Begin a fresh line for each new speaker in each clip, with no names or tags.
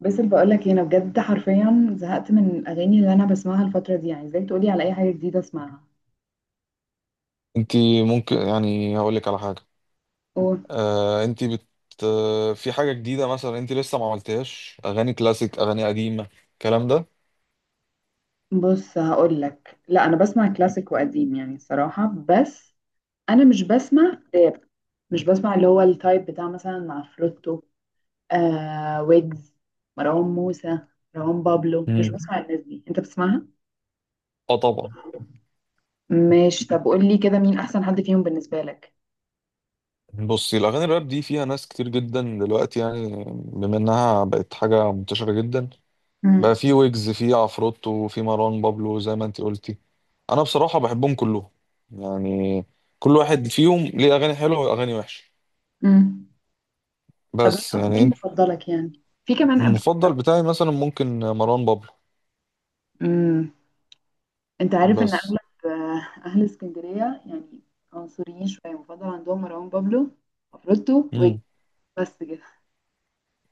بس اللي بقول لك إيه، انا بجد حرفيا زهقت من الاغاني اللي انا بسمعها الفتره دي. يعني ازاي تقولي على اي حاجه جديده اسمعها؟
انت ممكن يعني هقول لك على حاجه.
أوه.
آه انت بت آه، في حاجه جديده مثلا انت لسه ما عملتهاش اغاني كلاسيك اغاني قديمه الكلام ده؟
بص، هقول لك، لا انا بسمع كلاسيك وقديم يعني الصراحه، بس انا مش بسمع راب. مش بسمع اللي هو التايب بتاع مثلا مع آه، ويجز، مروان موسى، مروان بابلو. مش
امم.
بسمع الناس دي. انت بتسمعها؟
اه، طبعا.
ماشي. طب قول لي كده، مين احسن حد فيهم بالنسبه لك؟
بصي، الاغاني الراب دي فيها ناس كتير جدا دلوقتي يعني بما انها بقت حاجه منتشره جدا. بقى
امم.
في ويجز، في عفروتو، في مروان بابلو زي ما انت قلتي. انا بصراحه بحبهم كلهم يعني كل واحد فيهم ليه اغاني حلوه واغاني وحشه.
امم. طب، مين
بس يعني
مين
انت-
مفضلك يعني؟ في كمان ابيو
المفضل
ابيو.
بتاعي مثلا ممكن مروان بابلو
امم. انت عارف ان
بس.
اغلب آه، اهل اسكندريه يعني، عنصريين شويه. بفضل عندهم مروان بابلو، عفروتو، ويجز.
امم.
بس كده.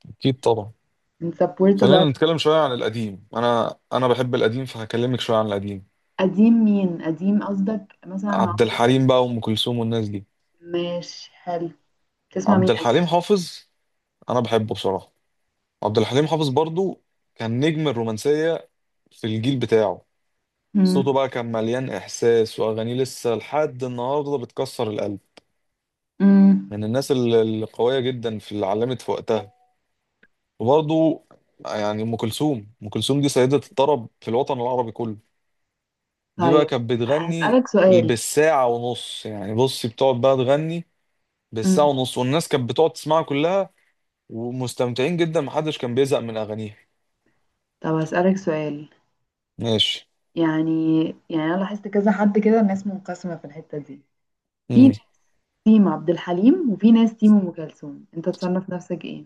اكيد طبعا.
بنسبورت
خلينا
بعض.
نتكلم شويه عن القديم. انا بحب القديم فهكلمك شويه عن القديم.
قديم؟ مين قديم؟ قصدك مثلا
عبد
عمرو؟
الحليم بقى وام كلثوم والناس دي.
ماشي، حلو. تسمع مين
عبد الحليم
قديم؟
حافظ انا بحبه بصراحه. عبد الحليم حافظ برضو كان نجم الرومانسيه في الجيل بتاعه. صوته
مم.
بقى كان مليان احساس واغانيه لسه لحد النهارده بتكسر القلب.
مم.
من الناس القويه جدا في اللي علمت في وقتها. وبرضو يعني ام كلثوم دي سيده الطرب في الوطن العربي كله. دي بقى
طيب،
كانت بتغني
هسألك سؤال.
بالساعة ونص. يعني بصي، بتقعد بقى تغني بالساعة
مم.
ونص والناس كانت بتقعد تسمعها كلها ومستمتعين جدا. محدش كان بيزهق من أغانيها.
طب هسألك سؤال.
ماشي.
يعني يعني انا لاحظت كذا حد كده. الناس منقسمه في الحته دي. في
مم.
ناس تيم عبد الحليم وفي ناس تيم ام كلثوم. انت تصنف نفسك ايه؟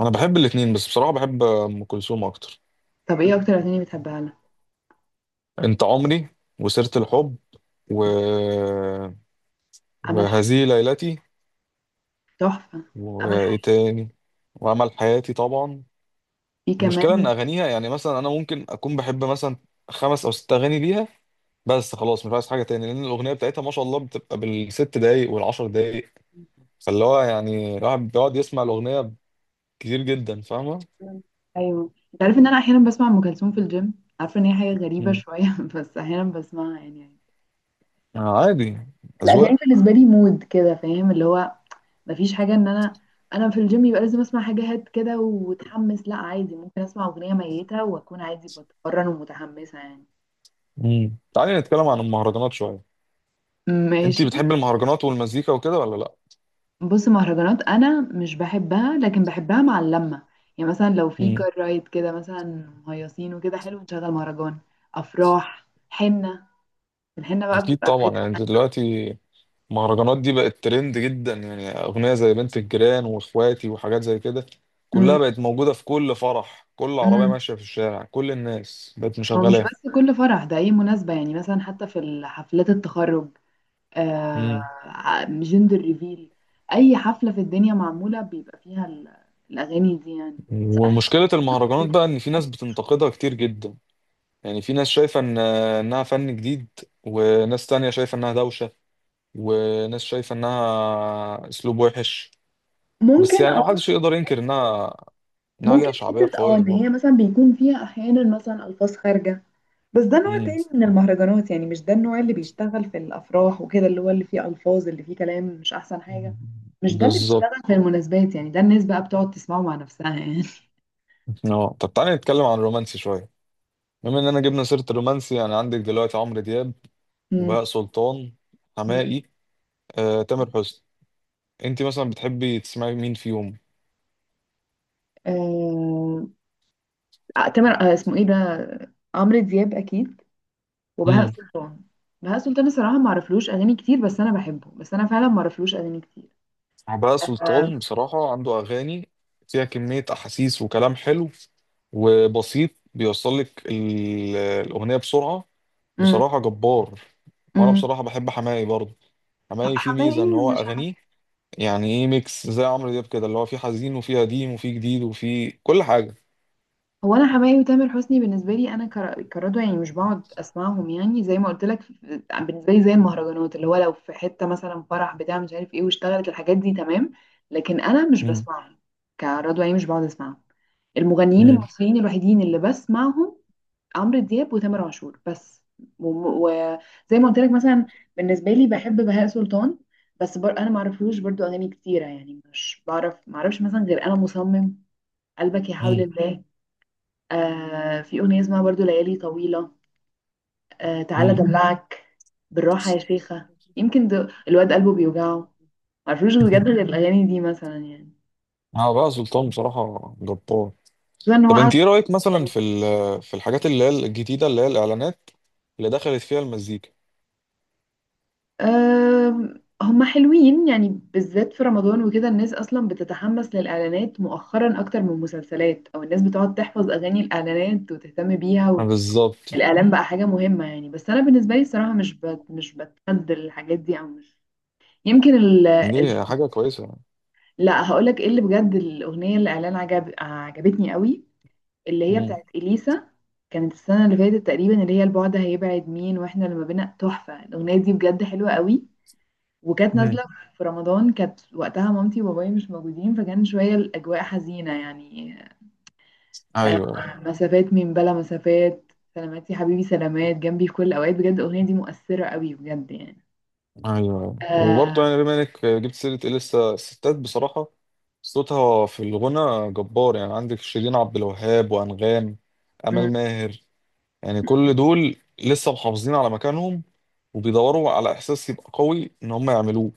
أنا بحب الاتنين بس بصراحة بحب أم كلثوم أكتر.
طب ايه اكتر اغاني بتحبها لها؟
أنت عمري، وسيرة الحب، و...
امل.
وهذه ليلتي،
تحفة. عمل
وإيه
حاجة.
تاني، وأمل حياتي طبعا.
في
المشكلة إن
كمان.
أغانيها يعني مثلا أنا ممكن أكون بحب مثلا خمس أو ست أغاني ليها بس خلاص مش عايز حاجه تاني لان الاغنيه بتاعتها ما شاء الله بتبقى بالست دقايق والعشر دقايق. فاللي هو يعني الواحد بيقعد يسمع الاغنيه كتير جدا، فاهمه.
أيوه، أنت عارف إن أنا أحيانا بسمع أم كلثوم في الجيم. عارفة إن هي حاجة غريبة
مم.
شوية بس أحيانا بسمعها يعني.
آه، عادي،
الأغاني
اذواق.
بالنسبة لي مود كده، فاهم اللي هو مفيش حاجة إن أنا في الجيم يبقى لازم أسمع حاجة هات كده وتحمس. لا عادي، ممكن أسمع أغنية ميتة وأكون عادي بتمرن ومتحمسة يعني.
مم. تعالي نتكلم عن المهرجانات شويه. انت
ماشي.
بتحبي المهرجانات والمزيكا وكده ولا لا؟
بص، مهرجانات انا مش بحبها، لكن بحبها مع اللمه. يعني مثلا لو في
مم.
كار رايد كده مثلا، مهيصين وكده، حلو نشغل مهرجان. افراح، حنه. الحنه بقى
اكيد
بتبقى في
طبعا.
حته.
يعني انت دلوقتي المهرجانات دي بقت ترند جدا، يعني اغنيه زي بنت الجيران واخواتي وحاجات زي كده كلها
امم.
بقت موجوده في كل فرح، كل عربيه
امم.
ماشيه في الشارع، كل الناس بقت
هو مش
مشغلاها.
بس كل فرح، ده اي مناسبه يعني، مثلا حتى في حفلات التخرج. آه،
مم.
جندر ريفيل. اي حفله في الدنيا معموله بيبقى فيها الاغاني دي يعني. صراحة.
ومشكلة المهرجانات بقى إن في ناس بتنتقدها كتير جدا. يعني في ناس شايفة إن إنها فن جديد، وناس تانية شايفة إنها دوشة، وناس شايفة إنها أسلوب وحش. بس
ممكن،
يعني
اه.
محدش يقدر ينكر
حتة-
إنها، إنها
ممكن
ليها شعبية
حته
قوية
ان هي
برضه.
مثلا بيكون فيها احيانا مثلا الفاظ خارجه. بس ده نوع
امم.
تاني من المهرجانات يعني. مش ده النوع اللي بيشتغل في الافراح وكده، اللي هو اللي فيه الفاظ، اللي فيه كلام مش احسن حاجه. مش ده اللي
بالظبط.
بيشتغل في المناسبات يعني. ده الناس بقى بتقعد تسمعه مع نفسها يعني.
اه، طب تعالى نتكلم عن الرومانسي شوية. بما إننا جبنا سيرة الرومانسي، أنا عندك دلوقتي عمرو دياب،
مم.
وبهاء سلطان، حماقي، تامر حسني. أنت مثلا بتحبي تسمعي مين فيهم؟
آه... آه، تامر، اسمه ايه ده، عمرو دياب اكيد، وبهاء سلطان. بهاء سلطان الصراحه ما اعرفلوش اغاني كتير، بس انا بحبه. بس انا فعلا ما اعرفلوش اغاني كتير.
عباس
آه...
سلطان بصراحة عنده أغاني فيها كمية أحاسيس وكلام حلو وبسيط. بيوصل لك الأغنية بسرعة.
مم.
بصراحة جبار. وأنا
مم.
بصراحة بحب حماقي برضه. حماقي فيه ميزة إن
حماقي
هو
مش...
أغانيه يعني إيه ميكس زي عمرو دياب كده، اللي هو فيه حزين وفيه قديم وفيه جديد وفيه كل حاجة.
هو، انا حماقي وتامر حسني بالنسبه لي انا كردوه يعني، مش بقعد اسمعهم، يعني زي ما قلت لك بالنسبه لي زي المهرجانات، اللي هو لو في حته مثلا فرح بتاع مش عارف ايه واشتغلت الحاجات دي، تمام. لكن انا مش
مم.
بسمعهم. كردوه يعني، مش بقعد اسمعهم. المغنيين
مم.
المصريين الوحيدين اللي بسمعهم، عمرو دياب وتامر عاشور بس. وزي ما قلت لك مثلا، بالنسبه لي بحب بهاء سلطان. بس انا ما اعرفلوش برضو اغاني كتيره يعني، مش بعرف، ما اعرفش مثلا غير انا مصمم، قلبك يا حول
مم.
الله. آه، في أغنية اسمها برضو ليالي طويلة. آه، تعالى
مم.
دلعك، بالراحة يا شيخة، يمكن ده الواد قلبه بيوجعه. معرفوش بجد غير الأغاني دي مثلا يعني.
عباس سلطان بصراحة جبار.
خصوصا إن هو
طب
قاعد
أنت إيه رأيك مثلا
يعني.
في الحاجات اللي هي الجديدة اللي هي الإعلانات اللي دخلت فيها المزيكا؟
آه، هما حلوين يعني، بالذات في رمضان وكده الناس أصلا بتتحمس للإعلانات مؤخرا أكتر من المسلسلات، أو الناس بتقعد تحفظ أغاني الإعلانات وتهتم بيها.
بالظبط.
والإعلان بقى حاجة مهمة يعني. بس أنا بالنسبة لي الصراحة مش بتحد الحاجات دي، أو مش يمكن.
دي حاجة كويسة يعني.
لا، هقولك ايه اللي بجد، الاغنيه اللي اعلان عجبتني قوي، اللي هي
مم.
بتاعت اليسا. كانت السنه اللي فاتت تقريبا، اللي هي البعد هيبعد مين واحنا لما بينا، تحفه. الاغنيه دي بجد حلوه قوي، وكانت
مم.
نازله في رمضان. كانت وقتها مامتي وبابايا مش موجودين فكان شويه الاجواء حزينه يعني. آه،
أيوه،
مسافات من بلا مسافات، سلامات يا حبيبي سلامات، جنبي في كل الاوقات. بجد الاغنيه دي مؤثره قوي بجد يعني.
أيوه.
آه،
وبرضه يعني بما إنك جبت سيرة إيه لسه الستات بصراحة صوتها في الغنى جبار. يعني عندك شيرين عبد الوهاب، وأنغام،
م- م-
أمال ماهر. يعني كل دول لسه محافظين على مكانهم وبيدوروا على إحساس يبقى قوي إن هم يعملوه.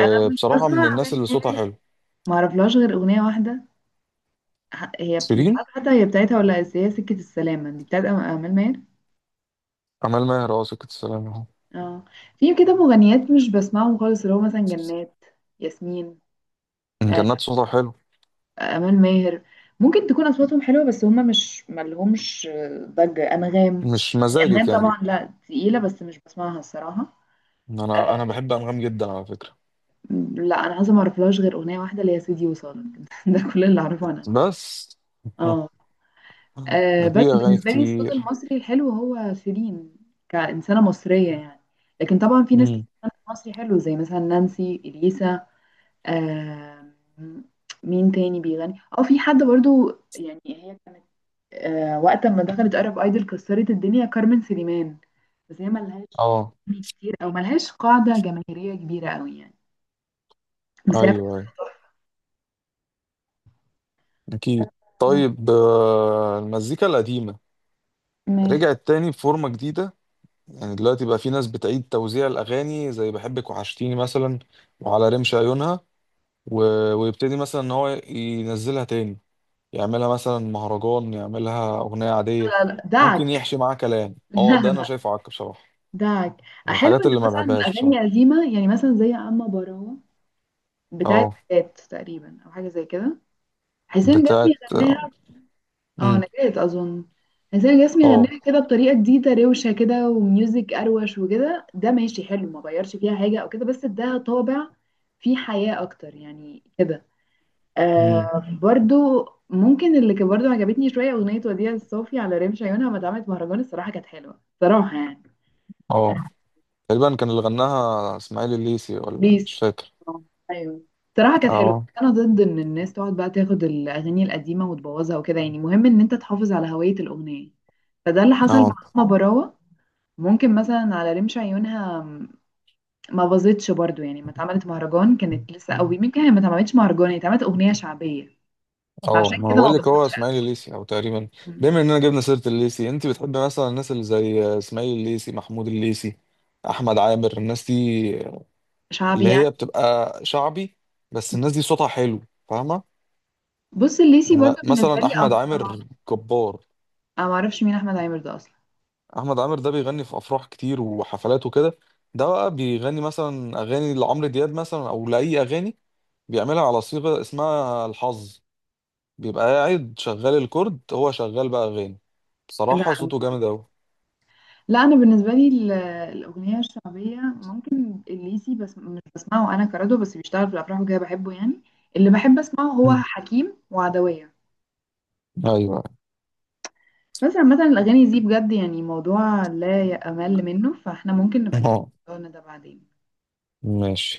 انا مش بسمع
من الناس
اعمال
اللي صوتها
ماهر.
حلو
ما اعرفلهاش غير اغنيه واحده. هي مش
شيرين.
عارفة حتى هي بتاعتها، ولا هي سكة السلامة دي بتاعت أمال ماهر.
أمال ماهر، أه، سكة السلام أهو.
اه. في كده مغنيات مش بسمعهم خالص، اللي هو مثلا جنات، ياسمين، آه،
كان صوتها حلو.
أمال ماهر. ممكن تكون أصواتهم حلوة، بس هما مش ملهمش، ضجة. أنغام،
مش
يعني
مزاجك
أنغام
يعني.
طبعا، لا، تقيلة بس مش بسمعها الصراحة.
انا
آه،
بحب انغام جدا على فكره.
لا، أنا عايزة، معرفلهاش غير أغنية واحدة اللي هي سيدي وصالك ده كل اللي أعرفه عن أنغام.
بس.
اه. آه،
ده في
بس
اغاني
بالنسبة لي الصوت
كتير.
المصري الحلو هو شيرين، كإنسانة مصرية يعني. لكن طبعا في ناس كتير
امم.
بتغني مصري حلو، زي مثلا نانسي، إليسا، آه. مين تاني بيغني؟ اه في حد برضو، يعني هي كانت، آه، وقت ما دخلت أرب ايدل كسرت الدنيا كارمن سليمان. بس هي ملهاش
اه.
أغاني كتير، او ملهاش قاعدة جماهيرية كبيرة قوي يعني. بس
ايوه،
هي بتغني.
ايوه، اكيد. طيب، المزيكا القديمه
ماشي.
رجعت تاني بفورمه جديده. يعني دلوقتي بقى في ناس بتعيد توزيع الاغاني زي بحبك وحشتيني مثلا، وعلى رمش عيونها، و... ويبتدي مثلا ان هو ينزلها تاني. يعملها مثلا مهرجان، يعملها اغنيه عاديه،
لا لا لا،
ممكن
دعك.
يحشي معاه كلام. اه، ده انا
لا.
شايفه عك بصراحه.
ده
من
حلو
الحاجات
ان
اللي ما
مثلا
بحبهاش
الاغاني
بصراحه.
قديمه، يعني مثلا زي اما براوه، بتاعه
اه.
نجاة تقريبا، او حاجه زي كده. حسين جسمي
بتاعت.
غناها. اه،
امم.
نجاة اظن. حسين جسمي
اه.
غناها كده بطريقه جديده روشه كده وميوزك اروش وكده، ده ماشي حلو، ما غيرش فيها حاجه او كده، بس اداها طابع فيه حياه اكتر يعني كده.
امم.
آه، برضو ممكن اللي كان برضو عجبتني شويه اغنيه وديع الصوفي على رمش عيونها ما اتعملت مهرجان، الصراحه كانت حلوه صراحه يعني.
اه. تقريبا كان اللي غناها اسماعيل الليسي ولا مش
ميسي،
فاكر.
آه، ايوه. صراحه كانت حلوه، بس
اه،
انا ضد ان الناس تقعد بقى تاخد الاغاني القديمه وتبوظها وكده. يعني مهم ان انت تحافظ على هويه الاغنيه. فده اللي حصل مع
اه،
ماما براوه. ممكن مثلا على رمش عيونها ما باظتش برضو يعني، ما اتعملت مهرجان، كانت لسه قوي. يمكن هي ما اتعملتش مهرجان، هي اتعملت اغنيه شعبيه.
اه،
فعشان
ما انا
كده ما
بقول لك هو
باظتش
اسماعيل الليسي او تقريبا.
قوي.
بما اننا جبنا سيره الليسي، انت بتحبي مثلا الناس اللي زي اسماعيل الليسي، محمود الليسي، احمد عامر، الناس دي
شعبي
اللي
يعني.
هي بتبقى شعبي؟ بس الناس دي صوتها حلو، فاهمه.
بص، الليسي
يعني
برضو بالنسبه
مثلا
لي
احمد
افراح انا.
عامر جبار.
ما اعرفش مين احمد عامر ده اصلا.
احمد عامر ده بيغني في افراح كتير وحفلات وكده. ده بقى بيغني مثلا اغاني لعمرو دياب مثلا او لاي اغاني بيعملها على صيغه اسمها الحظ. بيبقى قاعد شغال الكورد، هو شغال بقى اغاني.
لا
بصراحه صوته جامد اوي.
لا، انا بالنسبه لي الاغنيه الشعبيه ممكن الليسي، بس مش بسمعه انا، كردو، بس بيشتغل في الافراح وكده بحبه يعني. اللي بحب اسمعه هو
مم.
حكيم وعدويه.
ايوه.
بس عامه الاغاني دي بجد يعني موضوع لا يأمل منه، فاحنا ممكن نبقى نكمل
اه،
موضوعنا ده بعدين.
ماشي.